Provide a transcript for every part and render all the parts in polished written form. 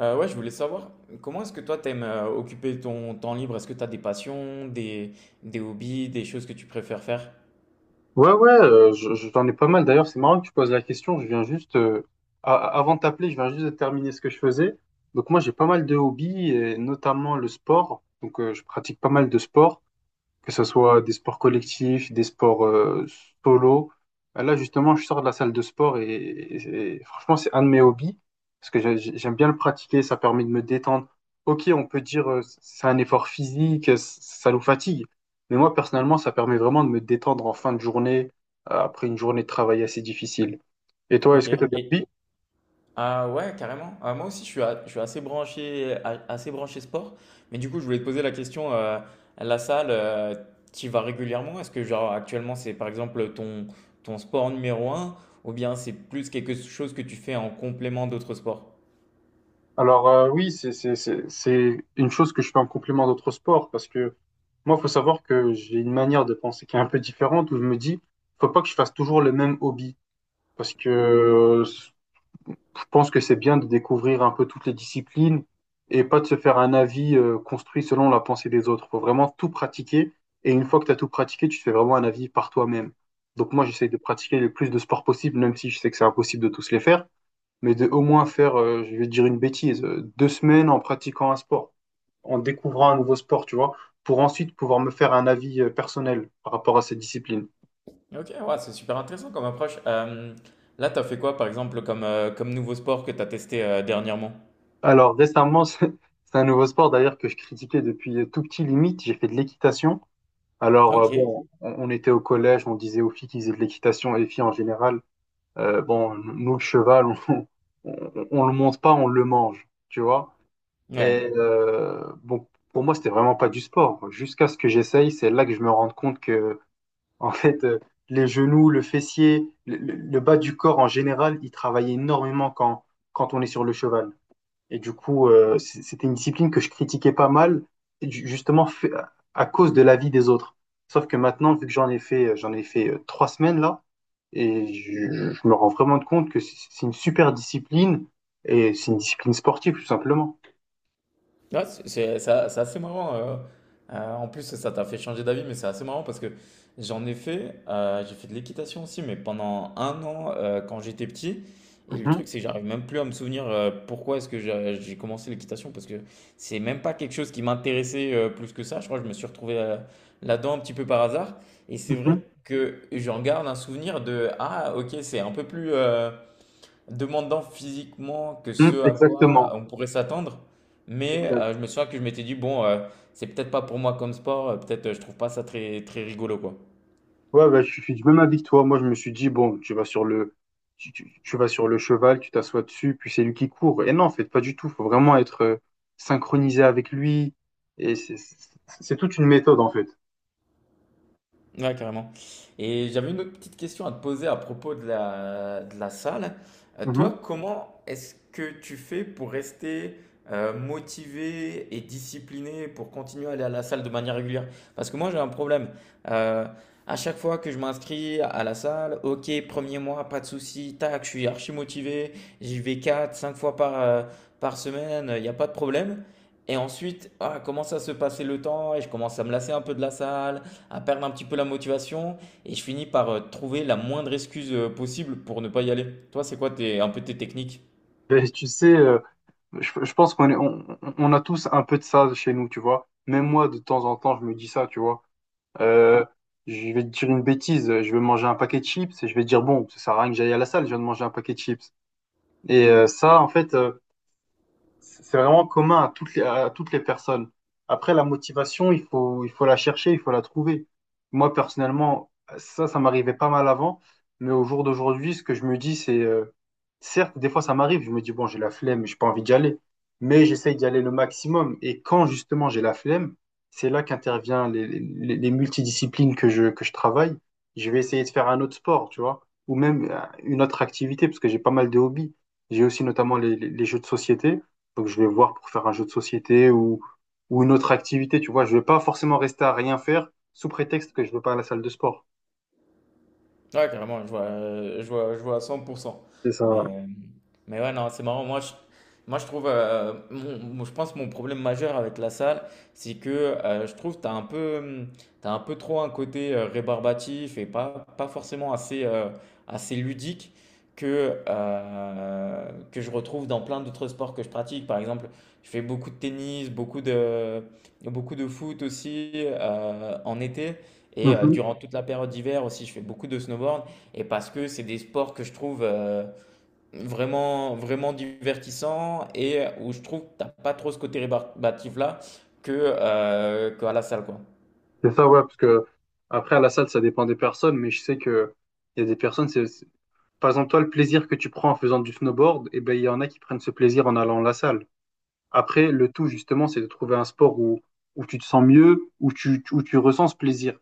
Ouais, je voulais savoir, comment est-ce que toi t'aimes occuper ton temps libre? Est-ce que t'as des passions, des hobbies, des choses que tu préfères faire? Ouais, ouais, j'en ai pas mal. D'ailleurs, c'est marrant que tu poses la question. Je viens juste, avant de t'appeler, je viens juste de terminer ce que je faisais. Donc moi, j'ai pas mal de hobbies, et notamment le sport. Donc je pratique pas mal de sport que ce soit des sports collectifs, des sports solo. Là, justement, je sors de la salle de sport et franchement, c'est un de mes hobbies parce que j'aime bien le pratiquer, ça permet de me détendre. Ok, on peut dire c'est un effort physique, ça nous fatigue, mais moi, personnellement, ça permet vraiment de me détendre en fin de journée, après une journée de travail assez difficile. Et toi, Ok. est-ce que tu as des Et hobbies? ah ouais, carrément. Ah, moi aussi, je suis assez assez branché sport. Mais du coup, je voulais te poser la question, la salle, tu y vas régulièrement? Est-ce que genre actuellement c'est par exemple ton sport numéro un, ou bien c'est plus quelque chose que tu fais en complément d'autres sports? Alors, oui, c'est une chose que je fais en complément d'autres sports parce que moi, il faut savoir que j'ai une manière de penser qui est un peu différente où je me dis, faut pas que je fasse toujours le même hobby parce que je pense que c'est bien de découvrir un peu toutes les disciplines et pas de se faire un avis construit selon la pensée des autres. Faut vraiment tout pratiquer et une fois que tu as tout pratiqué, tu te fais vraiment un avis par toi-même. Donc moi, j'essaye de pratiquer le plus de sports possible, même si je sais que c'est impossible de tous les faire mais de au moins faire, je vais te dire une bêtise, 2 semaines en pratiquant un sport, en découvrant un nouveau sport, tu vois, pour ensuite pouvoir me faire un avis personnel par rapport à cette discipline. Ok, ouais, c'est super intéressant comme approche. Là, t'as fait quoi, par exemple, comme, comme nouveau sport que t'as testé dernièrement? Alors récemment, c'est un nouveau sport d'ailleurs que je critiquais depuis tout petit limite, j'ai fait de l'équitation. Alors Ok, bon, on était au collège, on disait aux filles qu'ils faisaient de l'équitation et les filles en général, bon, nous le cheval, on le monte pas, on le mange, tu vois. ouais. Et bon, pour moi, c'était vraiment pas du sport. Jusqu'à ce que j'essaye, c'est là que je me rende compte que, en fait, les genoux, le fessier, le bas du corps en général, il travaille énormément quand on est sur le cheval. Et du coup, c'était une discipline que je critiquais pas mal, ju- justement fait- à cause de l'avis des autres. Sauf que maintenant, vu que j'en ai fait 3 semaines là, et je me rends vraiment compte que c'est une super discipline et c'est une discipline sportive, tout simplement. Ouais, c'est assez marrant. En plus, ça t'a fait changer d'avis, mais c'est assez marrant parce que j'en ai fait. J'ai fait de l'équitation aussi, mais pendant un an quand j'étais petit. Et le Mhm, truc, c'est que j'arrive même plus à me souvenir pourquoi est-ce que j'ai commencé l'équitation parce que c'est même pas quelque chose qui m'intéressait plus que ça. Je crois que je me suis retrouvé là-dedans un petit peu par hasard. Et c'est mhm. vrai que j'en garde un souvenir de ah, ok, c'est un peu plus, demandant physiquement que Mm, ce à quoi exactement. on pourrait s'attendre. Mais Exact. Je me souviens que je m'étais dit, bon, c'est peut-être pas pour moi comme sport, peut-être je trouve pas ça très, très rigolo, quoi. Ouais, bah, je suis du même avis que toi. Moi, je me suis dit, bon, tu vas sur le, tu vas sur le cheval, tu t'assois dessus, puis c'est lui qui court. Et non, en fait, pas du tout. Faut vraiment être synchronisé avec lui. Et c'est toute une méthode, en fait. Ouais, carrément. Et j'avais une autre petite question à te poser à propos de de la salle. Mhm. Toi, comment est-ce que tu fais pour rester motivé et discipliné pour continuer à aller à la salle de manière régulière? Parce que moi, j'ai un problème. Euh, à chaque fois que je m'inscris à la salle, ok, premier mois, pas de souci, tac, je suis archi motivé, j'y vais 4 5 fois par, par semaine, il n'y a pas de problème. Et ensuite, ah, commence à se passer le temps et je commence à me lasser un peu de la salle à perdre un petit peu la motivation et je finis par trouver la moindre excuse possible pour ne pas y aller. Toi, c'est quoi tes, un peu tes techniques? Et tu sais, je pense qu'on est, on a tous un peu de ça chez nous, tu vois. Même moi, de temps en temps, je me dis ça, tu vois. Euh, je vais te dire une bêtise, je vais manger un paquet de chips et je vais dire, bon, ça sert à rien que j'aille à la salle, je viens de manger un paquet de chips. Et ça, en fait, c'est vraiment commun à à toutes les personnes. Après, la motivation, il faut la chercher, il faut la trouver. Moi, personnellement, ça m'arrivait pas mal avant, mais au jour d'aujourd'hui, ce que je me dis, c'est, certes, des fois, ça m'arrive, je me dis, bon, j'ai la flemme, j'ai pas envie d'y aller, mais j'essaye d'y aller le maximum. Et quand, justement, j'ai la flemme, c'est là qu'intervient les multidisciplines que je travaille. Je vais essayer de faire un autre sport, tu vois, ou même une autre activité, parce que j'ai pas mal de hobbies. J'ai aussi notamment les jeux de société. Donc je vais voir pour faire un jeu de société ou une autre activité, tu vois. Je vais pas forcément rester à rien faire sous prétexte que je veux pas à la salle de sport. Ouais, carrément, je vois, je vois, je vois à 100%. C'est ça. Ouais. Mais, mais ouais, non, c'est marrant. Moi, je trouve, je pense que mon problème majeur avec la salle, c'est que je trouve que tu as un peu, t'as un peu trop un côté rébarbatif et pas, pas forcément assez, assez ludique que je retrouve dans plein d'autres sports que je pratique. Par exemple, je fais beaucoup de tennis, beaucoup de foot aussi en été. Et Mhm. durant toute la période d'hiver aussi, je fais beaucoup de snowboard. Et parce que c'est des sports que je trouve vraiment, vraiment divertissants et où je trouve que t'as pas trop ce côté rébarbatif là que, qu'à la salle, quoi. C'est ça, ouais, parce que après, à la salle, ça dépend des personnes, mais je sais que il y a des personnes, par exemple, toi, le plaisir que tu prends en faisant du snowboard, et ben, il y en a qui prennent ce plaisir en allant à la salle. Après, le tout, justement, c'est de trouver un sport où, où tu te sens mieux, où tu ressens ce plaisir.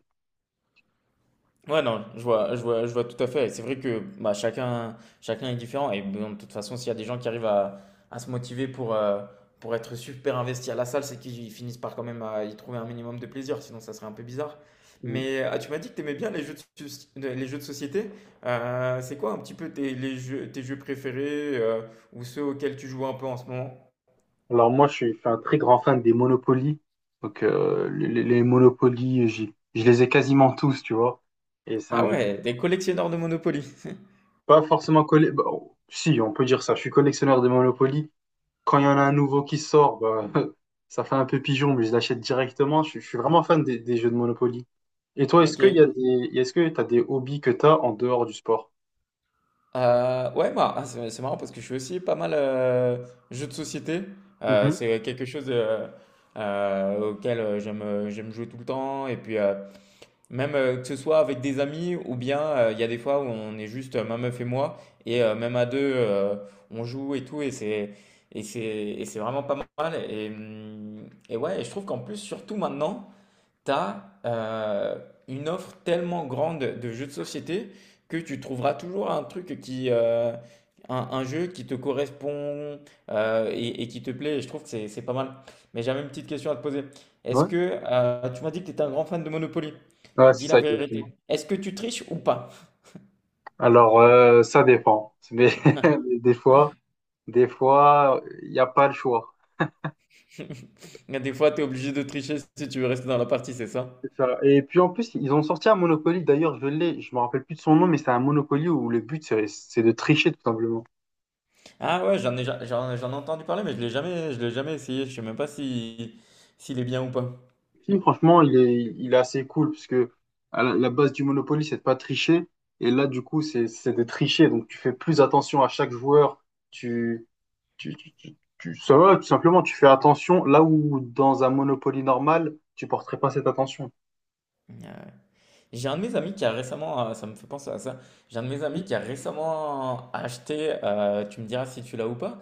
Ouais, non, je vois, je vois, je vois tout à fait. Et c'est vrai que bah, chacun, chacun est différent. Et bon, de toute façon, s'il y a des gens qui arrivent à se motiver pour être super investis à la salle, c'est qu'ils finissent par quand même à y trouver un minimum de plaisir. Sinon, ça serait un peu bizarre. Mm. Mais ah, tu m'as dit que tu aimais bien les les jeux de société. C'est quoi un petit peu tes jeux préférés ou ceux auxquels tu joues un peu en ce moment? Alors moi, je suis un très grand fan des Monopoly. Donc les Monopoly, je les ai quasiment tous, tu vois. Et c'est un Ah jeu ouais, des collectionneurs de Monopoly. pas forcément collé. Bah, oh, si, on peut dire ça. Je suis collectionneur de Monopoly, quand il y en a un nouveau qui sort, bah, ça fait un peu pigeon, mais je l'achète directement. Je suis vraiment fan des jeux de Monopoly. Et toi, est-ce Ok. qu'il y a des, est-ce que tu as des hobbies que tu as en dehors du sport? C'est marrant parce que je suis aussi pas mal jeux de société. Mhm. C'est quelque chose auquel j'aime jouer tout le temps. Et puis, même que ce soit avec des amis ou bien il y a des fois où on est juste ma meuf et moi, et même à deux, on joue et tout, et c'est vraiment pas mal. Et, ouais, et je trouve qu'en plus, surtout maintenant, t'as une offre tellement grande de jeux de société que tu trouveras toujours un truc qui, un jeu qui te correspond et qui te plaît. Et je trouve que c'est pas mal. Mais j'avais une petite question à te poser. Est-ce Ouais. que tu m'as dit que tu étais un grand fan de Monopoly? Ouais, c'est Dis la ça exactement. vérité. Est-ce que tu triches ou pas? Alors, ça dépend. Mais, des fois, des fois, il n'y a pas le choix. Des fois, tu es obligé de tricher si tu veux rester dans la partie, c'est ça? C'est ça. Et puis en plus, ils ont sorti un Monopoly. D'ailleurs, je me rappelle plus de son nom, mais c'est un Monopoly où le but, c'est de tricher tout simplement. Ah ouais, j'en ai entendu parler, mais je l'ai jamais essayé. Je sais même pas si, s'il est bien ou pas. Le film, franchement, il est assez cool parce que à la, la base du Monopoly, c'est de pas tricher. Et là, du coup, c'est de tricher. Donc, tu fais plus attention à chaque joueur. Tu, Ça va, tout simplement, tu fais attention là où dans un Monopoly normal, tu porterais pas cette attention. Ah, j'ai un de mes amis qui a récemment, ça me fait penser à ça, j'ai un de mes amis qui a récemment acheté, tu me diras si tu l'as ou pas,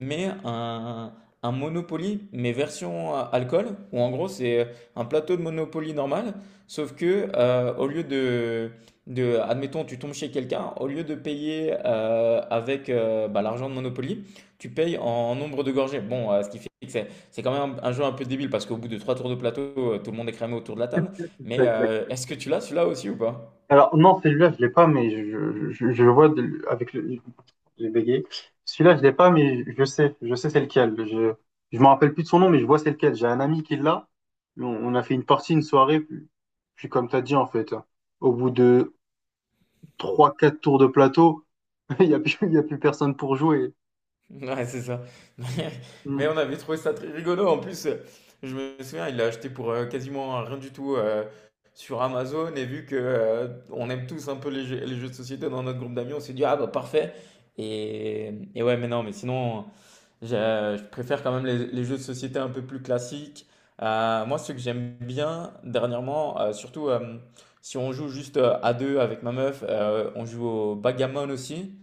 mais un, un Monopoly, mais version alcool, où en gros c'est un plateau de Monopoly normal, sauf que de, admettons, tu tombes chez quelqu'un, au lieu de payer l'argent de Monopoly, tu payes en nombre de gorgées. Bon, ce qui fait que c'est quand même un jeu un peu débile parce qu'au bout de trois tours de plateau, tout le monde est cramé autour de la table, mais est-ce que tu l'as celui-là aussi ou pas? Alors, non, celui-là, je l'ai pas, mais je vois de- avec le. J'ai bégayé. Celui-là, je l'ai pas, mais je sais. Je sais c'est lequel. Je me rappelle plus de son nom, mais je vois c'est lequel. J'ai un ami qui l'a. On a fait une partie, une soirée. Puis, puis comme tu as dit, en fait, au bout de 3 4 tours de plateau, il y a plus personne pour jouer. Ouais, c'est ça. Mais Mm. on avait trouvé ça très rigolo. En plus, je me souviens, il l'a acheté pour quasiment rien du tout sur Amazon. Et vu que on aime tous un peu les jeux de société dans notre groupe d'amis, on s'est dit, ah bah parfait. Et ouais, mais non, mais sinon, Je, je préfère quand même les jeux de société un peu plus classiques. Moi, ce que j'aime bien dernièrement, surtout si on joue juste à deux avec ma meuf, on joue au backgammon aussi.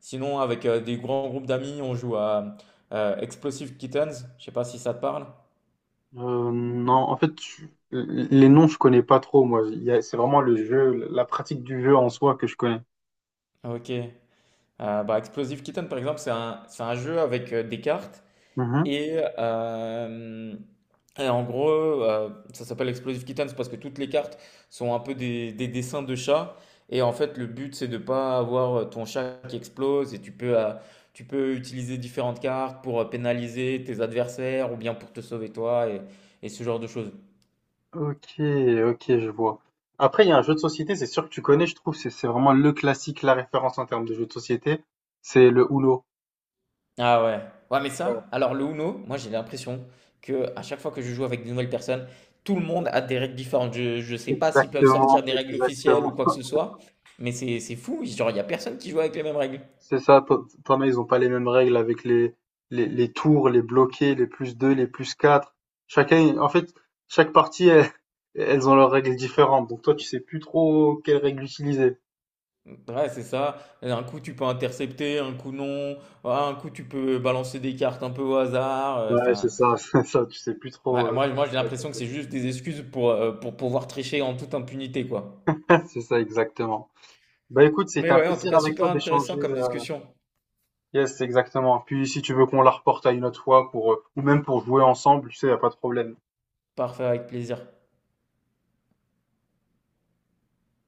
Sinon, avec des grands groupes d'amis, on joue à Explosive Kittens. Je sais pas si ça te parle. Non, en fait, les noms, je connais pas trop, moi. Il y a- C'est vraiment le jeu, la pratique du jeu en soi que je connais. Ok. Bah, Explosive Kitten, par exemple, c'est un jeu avec des cartes. Mm-hmm. Et, en gros, ça s'appelle Explosive Kittens parce que toutes les cartes sont un peu des dessins de chats. Et en fait, le but, c'est de ne pas avoir ton chat qui explose. Et tu peux utiliser différentes cartes pour pénaliser tes adversaires ou bien pour te sauver et ce genre de choses. Ok, ok, je vois. Après, il y a un jeu de société, c'est sûr que tu connais, je trouve, c'est vraiment le classique, la référence en termes de jeu de société, c'est le Uno. Ah ouais. Ouais, mais Ouais. ça, alors le Uno, moi j'ai l'impression que à chaque fois que je joue avec de nouvelles personnes, tout le monde a des règles différentes. Je sais pas s'ils peuvent sortir Exactement, des règles officielles ou exactement. quoi que ce soit, mais c'est fou. Genre, il y a personne qui joue avec les mêmes règles. C'est ça, pa- pareil, ils ont pas les mêmes règles avec les tours, les bloqués, les plus 2, les plus 4. Chacun, en fait, chaque partie, elle- elles ont leurs règles différentes. Donc toi, tu sais plus trop quelles règles utiliser. Ouais, c'est ça. Un coup tu peux intercepter, un coup non. Ouais, un coup tu peux balancer des cartes un peu au hasard. Ouais, c'est Enfin, ça, c'est ça, tu sais plus trop. ouais, euh, moi j'ai l'impression que c'est juste des excuses pour pouvoir tricher en toute impunité, quoi. C'est ça, exactement. Bah écoute, Mais c'était un ouais, en tout plaisir cas, avec super toi intéressant d'échanger. comme euh, discussion. Yes, exactement. Puis si tu veux qu'on la reporte à une autre fois pour, ou même pour jouer ensemble, tu sais, y a pas de problème. Parfait, avec plaisir.